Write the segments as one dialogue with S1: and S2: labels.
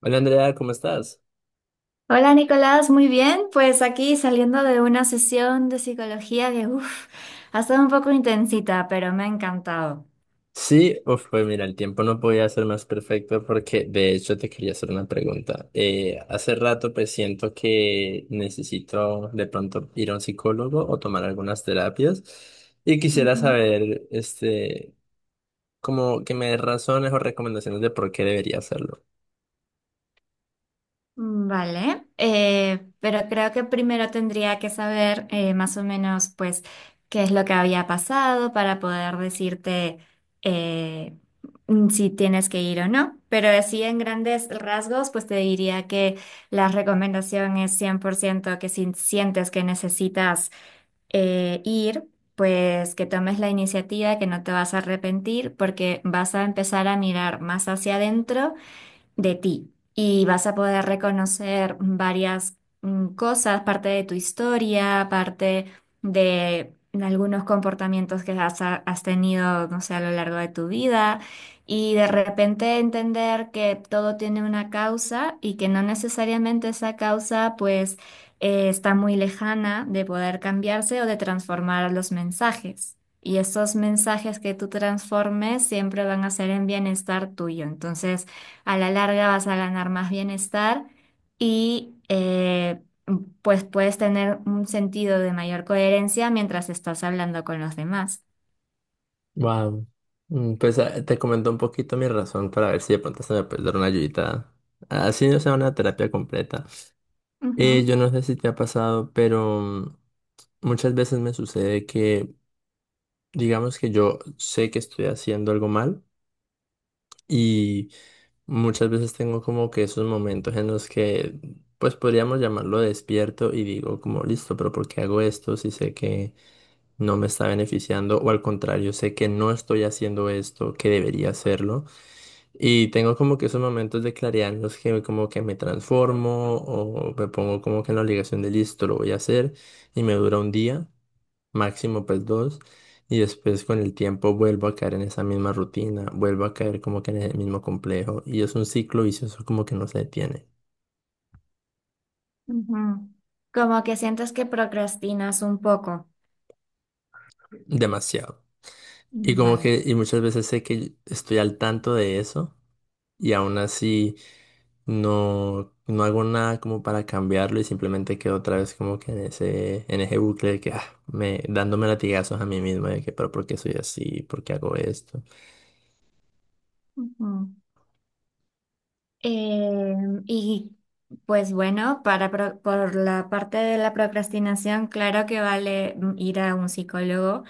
S1: Hola Andrea, ¿cómo estás?
S2: Hola Nicolás, muy bien. Pues aquí saliendo de una sesión de psicología que, uff, ha estado un poco intensita, pero me ha encantado.
S1: Sí, uf, pues mira, el tiempo no podía ser más perfecto porque de hecho te quería hacer una pregunta. Hace rato pues siento que necesito de pronto ir a un psicólogo o tomar algunas terapias y quisiera
S2: Ujú.
S1: saber, como que me des razones o recomendaciones de por qué debería hacerlo.
S2: Vale, pero creo que primero tendría que saber más o menos, pues, qué es lo que había pasado para poder decirte eh, si tienes que ir o no. Pero así en grandes rasgos, pues te diría que la recomendación es 100% que si sientes que necesitas ir, pues que tomes la iniciativa, que no te vas a arrepentir, porque vas a empezar a mirar más hacia adentro de ti y vas a poder reconocer varias cosas, parte de tu historia, parte de algunos comportamientos que has tenido, no sé, a lo largo de tu vida, y de repente entender que todo tiene una causa y que no necesariamente esa causa pues está muy lejana de poder cambiarse o de transformar los mensajes. Y esos mensajes que tú transformes siempre van a ser en bienestar tuyo. Entonces, a la larga vas a ganar más bienestar y pues puedes tener un sentido de mayor coherencia mientras estás hablando con los demás.
S1: Wow. Pues te comento un poquito mi razón para ver si de pronto se me puede dar una ayudita. Así no sea una terapia completa. Yo
S2: Ujú,
S1: no sé si te ha pasado, pero muchas veces me sucede que, digamos que yo sé que estoy haciendo algo mal y muchas veces tengo como que esos momentos en los que, pues podríamos llamarlo despierto y digo como, listo, pero ¿por qué hago esto si sé que no me está beneficiando? O al contrario, sé que no estoy haciendo esto, que debería hacerlo. Y tengo como que esos momentos de claridad en los que como que me transformo o me pongo como que en la obligación de listo, lo voy a hacer y me dura un día. Máximo pues dos, y después con el tiempo vuelvo a caer en esa misma rutina, vuelvo a caer como que en el mismo complejo, y es un ciclo vicioso como que no se detiene
S2: ujú. Como que sientes que procrastinas un poco.
S1: demasiado. Y como
S2: Vale.
S1: que, y muchas veces sé que estoy al tanto de eso, y aún así no hago nada como para cambiarlo, y simplemente quedo otra vez como que en ese bucle de que, ah, me, dándome latigazos a mí mismo de que, pero ¿por qué soy así? ¿Por qué hago esto?
S2: Ujú. Eh, y pues bueno, por la parte de la procrastinación, claro que vale, ir a un psicólogo,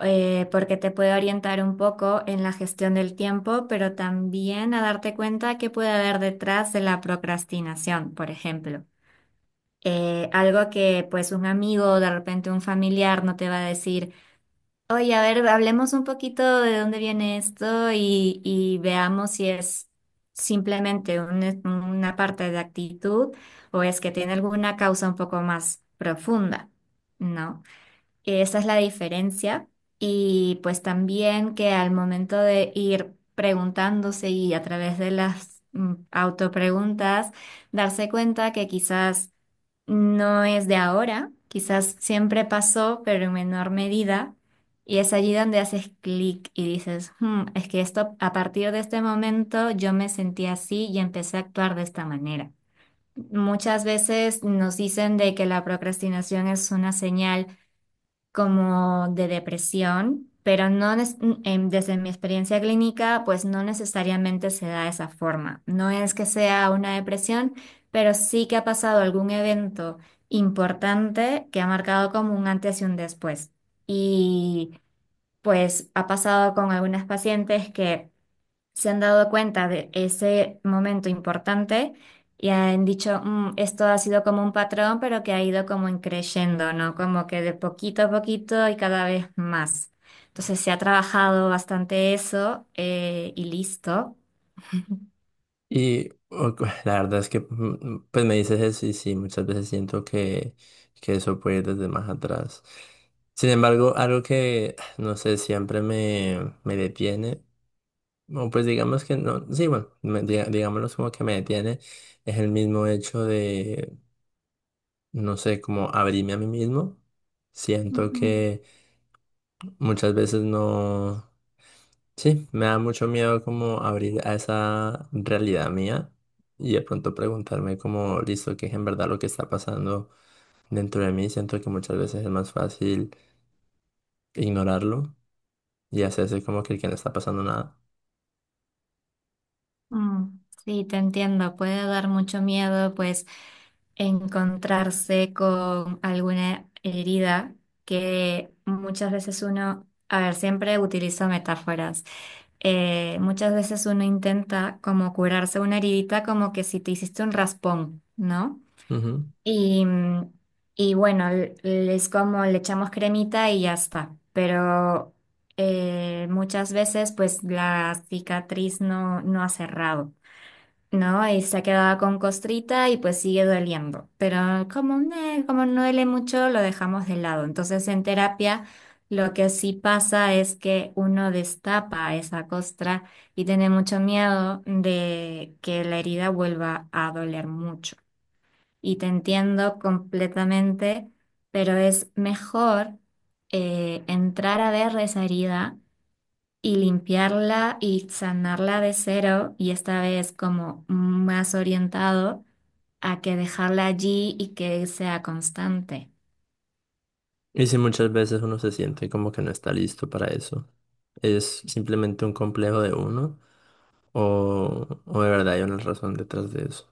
S2: porque te puede orientar un poco en la gestión del tiempo, pero también a darte cuenta qué puede haber detrás de la procrastinación, por ejemplo. Algo que pues un amigo o de repente un familiar no te va a decir, oye, a ver, hablemos un poquito de dónde viene esto y veamos si es simplemente una parte de actitud o es que tiene alguna causa un poco más profunda, ¿no? Esa es la diferencia. Y pues también que al momento de ir preguntándose y a través de las autopreguntas, darse cuenta que quizás no es de ahora, quizás siempre pasó, pero en menor medida. Y es allí donde haces clic y dices: "Hmm, es que esto, a partir de este momento yo me sentí así y empecé a actuar de esta manera". Muchas veces nos dicen de que la procrastinación es una señal como de depresión, pero no nes- em, desde mi experiencia clínica, pues no necesariamente se da de esa forma. No es que sea una depresión, pero sí que ha pasado algún evento importante que ha marcado como un antes y un después. Y pues ha pasado con algunas pacientes que se han dado cuenta de ese momento importante y han dicho: "Mm, esto ha sido como un patrón, pero que ha ido como en creyendo, ¿no? Como que de poquito a poquito y cada vez más". Entonces se ha trabajado bastante eso, y listo.
S1: Y o- la verdad es que, mm, pues me dices eso y sí, muchas veces siento que eso puede ir desde más atrás. Sin embargo, algo que, no sé, siempre me detiene, o pues digamos que no, sí, bueno, digámoslo como que me detiene, es el mismo hecho de, no sé, como abrirme a mí mismo. Siento
S2: Ujú.
S1: que muchas veces no. Sí, me da mucho miedo como abrir a esa realidad mía y de pronto preguntarme como, listo, qué es en verdad lo que está pasando dentro de mí. Siento que muchas veces es más fácil ignorarlo y hacerse como que no está pasando nada.
S2: Mm, sí, te entiendo. Puede dar mucho miedo, pues, encontrarse con alguna herida que muchas veces uno, a ver, siempre utilizo metáforas. Muchas veces uno intenta como curarse una heridita como que si te hiciste un raspón, ¿no?
S1: Ujú.
S2: Y, y bueno, es como le echamos cremita y ya está, pero muchas veces pues la cicatriz no ha cerrado. No, y se ha quedado con costrita y pues sigue doliendo. Pero como, como no duele mucho, lo dejamos de lado. Entonces, en terapia, lo que sí pasa es que uno destapa esa costra y tiene mucho miedo de que la herida vuelva a doler mucho. Y te entiendo completamente, pero es mejor entrar a ver esa herida y limpiarla y sanarla de cero y esta vez como más orientado a que dejarla allí y que sea constante.
S1: Y si muchas veces uno se siente como que no está listo para eso, ¿es simplemente un complejo de uno o de verdad hay una razón detrás de eso?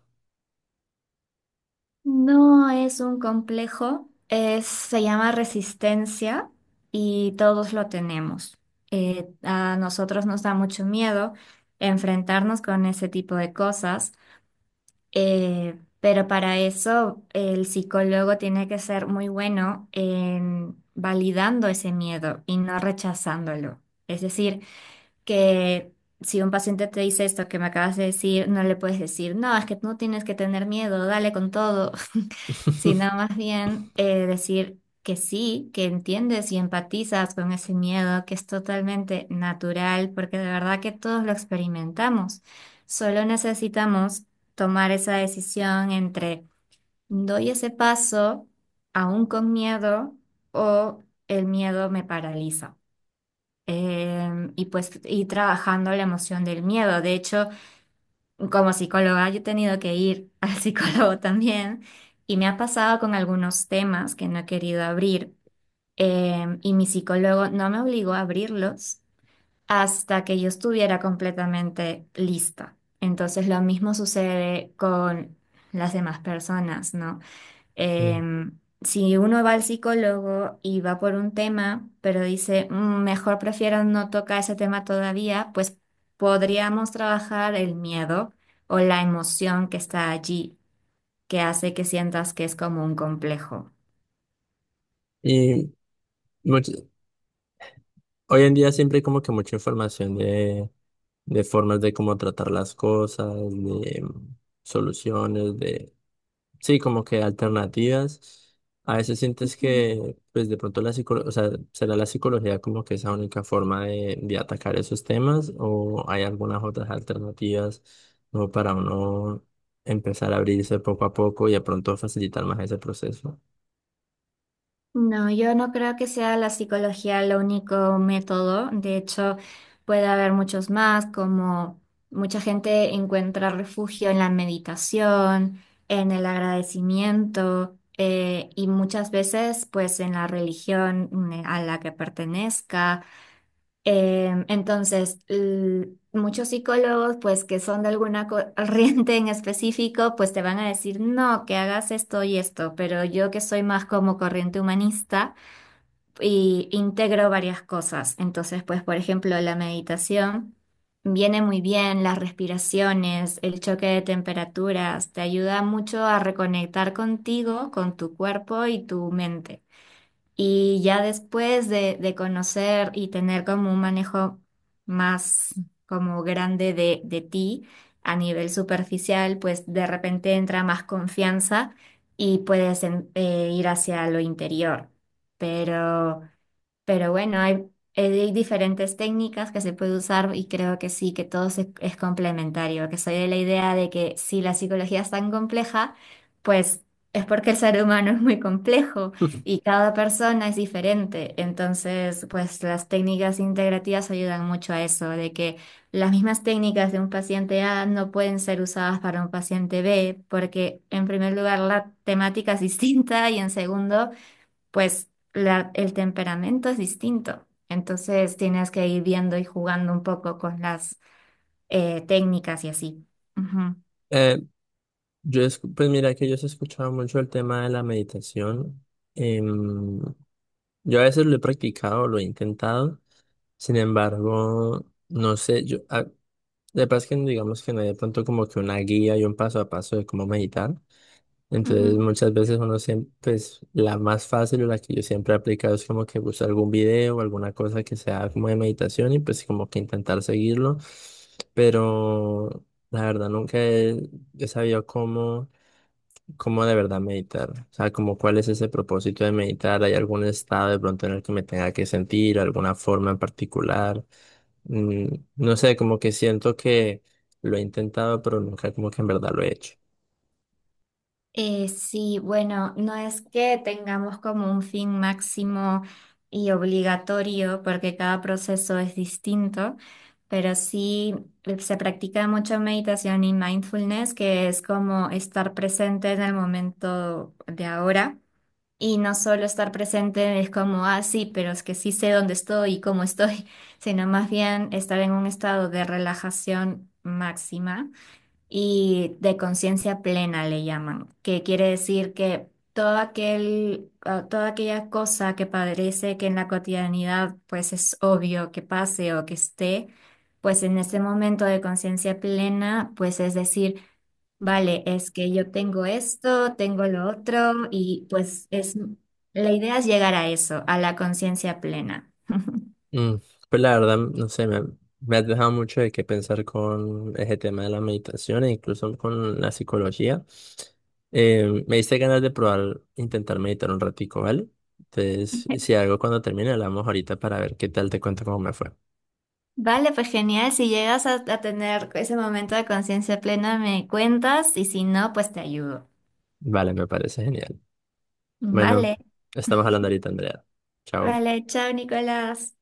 S2: No es un complejo, se llama resistencia y todos lo tenemos. A nosotros nos da mucho miedo enfrentarnos con ese tipo de cosas. Pero para eso el psicólogo tiene que ser muy bueno en validando ese miedo y no rechazándolo. Es decir, que si un paciente te dice esto que me acabas de decir, no le puedes decir: "No, es que no tienes que tener miedo, dale con todo", sino más bien decir que sí, que entiendes y empatizas con ese miedo, que es totalmente natural, porque de verdad que todos lo experimentamos. Solo necesitamos tomar esa decisión entre doy ese paso aún con miedo o el miedo me paraliza, y pues ir trabajando la emoción del miedo. De hecho, como psicóloga, yo he tenido que ir al psicólogo también, y me ha pasado con algunos temas que no he querido abrir, y mi psicólogo no me obligó a abrirlos hasta que yo estuviera completamente lista. Entonces, lo mismo sucede con las demás personas, ¿no?
S1: Mm.
S2: Si uno va al psicólogo y va por un tema, pero dice: "Mm, mejor prefiero no tocar ese tema todavía", pues podríamos trabajar el miedo o la emoción que está allí, que hace que sientas que es como un complejo.
S1: Y much- Hoy en día siempre hay como que mucha información de formas de cómo tratar las cosas, de soluciones, de, sí, como que alternativas. A veces sientes que, pues de pronto la psicología, o sea, ¿será la psicología como que esa única forma de atacar esos temas o hay algunas otras alternativas como para uno empezar a abrirse poco a poco y de pronto facilitar más ese proceso?
S2: No, yo no creo que sea la psicología el único método. De hecho, puede haber muchos más, como mucha gente encuentra refugio en la meditación, en el agradecimiento, y muchas veces, pues, en la religión, a la que pertenezca. Entonces, muchos psicólogos, pues, que son de alguna corriente en específico, pues te van a decir: "No, que hagas esto y esto", pero yo que soy más como corriente humanista y integro varias cosas. Entonces, pues, por ejemplo, la meditación viene muy bien, las respiraciones, el choque de temperaturas, te ayuda mucho a reconectar contigo, con tu cuerpo y tu mente. Y ya después de conocer y tener como un manejo más como grande de ti a nivel superficial, pues de repente entra más confianza y puedes ir hacia lo interior. Pero pero bueno, hay, hay diferentes técnicas que se puede usar y creo que sí, que todo es complementario, que soy de la idea de que si la psicología es tan compleja, pues es porque el ser humano es muy complejo
S1: Ujú.
S2: y cada persona es diferente. Entonces, pues las técnicas integrativas ayudan mucho a eso, de que las mismas técnicas de un paciente A no pueden ser usadas para un paciente B, porque en primer lugar la temática es distinta y en segundo pues el temperamento es distinto. Entonces tienes que ir viendo y jugando un poco con las técnicas y así.
S1: Eh, pues mira que yo sí he escuchado mucho el tema de la meditación. Em, yo a veces lo he practicado, lo he intentado. Sin embargo, no sé, yo, ah, de paz que digamos que no hay de pronto como que una guía y un paso a paso de cómo meditar.
S2: Ujú, ujú.
S1: Entonces muchas veces uno siempre, pues la más fácil o la que yo siempre he aplicado es como que buscar algún video o alguna cosa que sea como de meditación y pues como que intentar seguirlo. Pero la verdad nunca he sabido cómo. ¿Cómo de verdad meditar? O sea, como ¿cuál es ese propósito de meditar? ¿Hay algún estado de pronto en el que me tenga que sentir, alguna forma en particular? Mm, no sé, como que siento que lo he intentado, pero nunca como que en verdad lo he hecho.
S2: Sí, bueno, no es que tengamos como un fin máximo y obligatorio porque cada proceso es distinto, pero sí se practica mucho meditación y mindfulness, que es como estar presente en el momento de ahora. Y no solo estar presente es como: "Ah, sí, pero es que sí sé dónde estoy y cómo estoy", sino más bien estar en un estado de relajación máxima y de conciencia plena le llaman, que quiere decir que todo aquel, ah, toda aquella cosa que parece que en la cotidianidad pues es obvio que pase o que esté, pues en ese momento de conciencia plena, pues es decir, vale, es que yo tengo esto, tengo lo otro y pues es, la idea es llegar a eso, a la conciencia plena.
S1: Mm, pues la verdad, no sé, me has dejado mucho de qué pensar con ese tema de la meditación e incluso con la psicología. Me diste ganas de probar, intentar meditar un ratico, ¿vale? Entonces, si algo cuando termine, hablamos ahorita para ver qué tal te cuento cómo me fue.
S2: Vale, pues genial. Si llegas a tener ese momento de conciencia plena, me cuentas y si no, pues te ayudo.
S1: Vale, me parece genial. Bueno,
S2: Vale,
S1: estamos hablando ahorita, Andrea. Chao.
S2: vale, chao, Nicolás.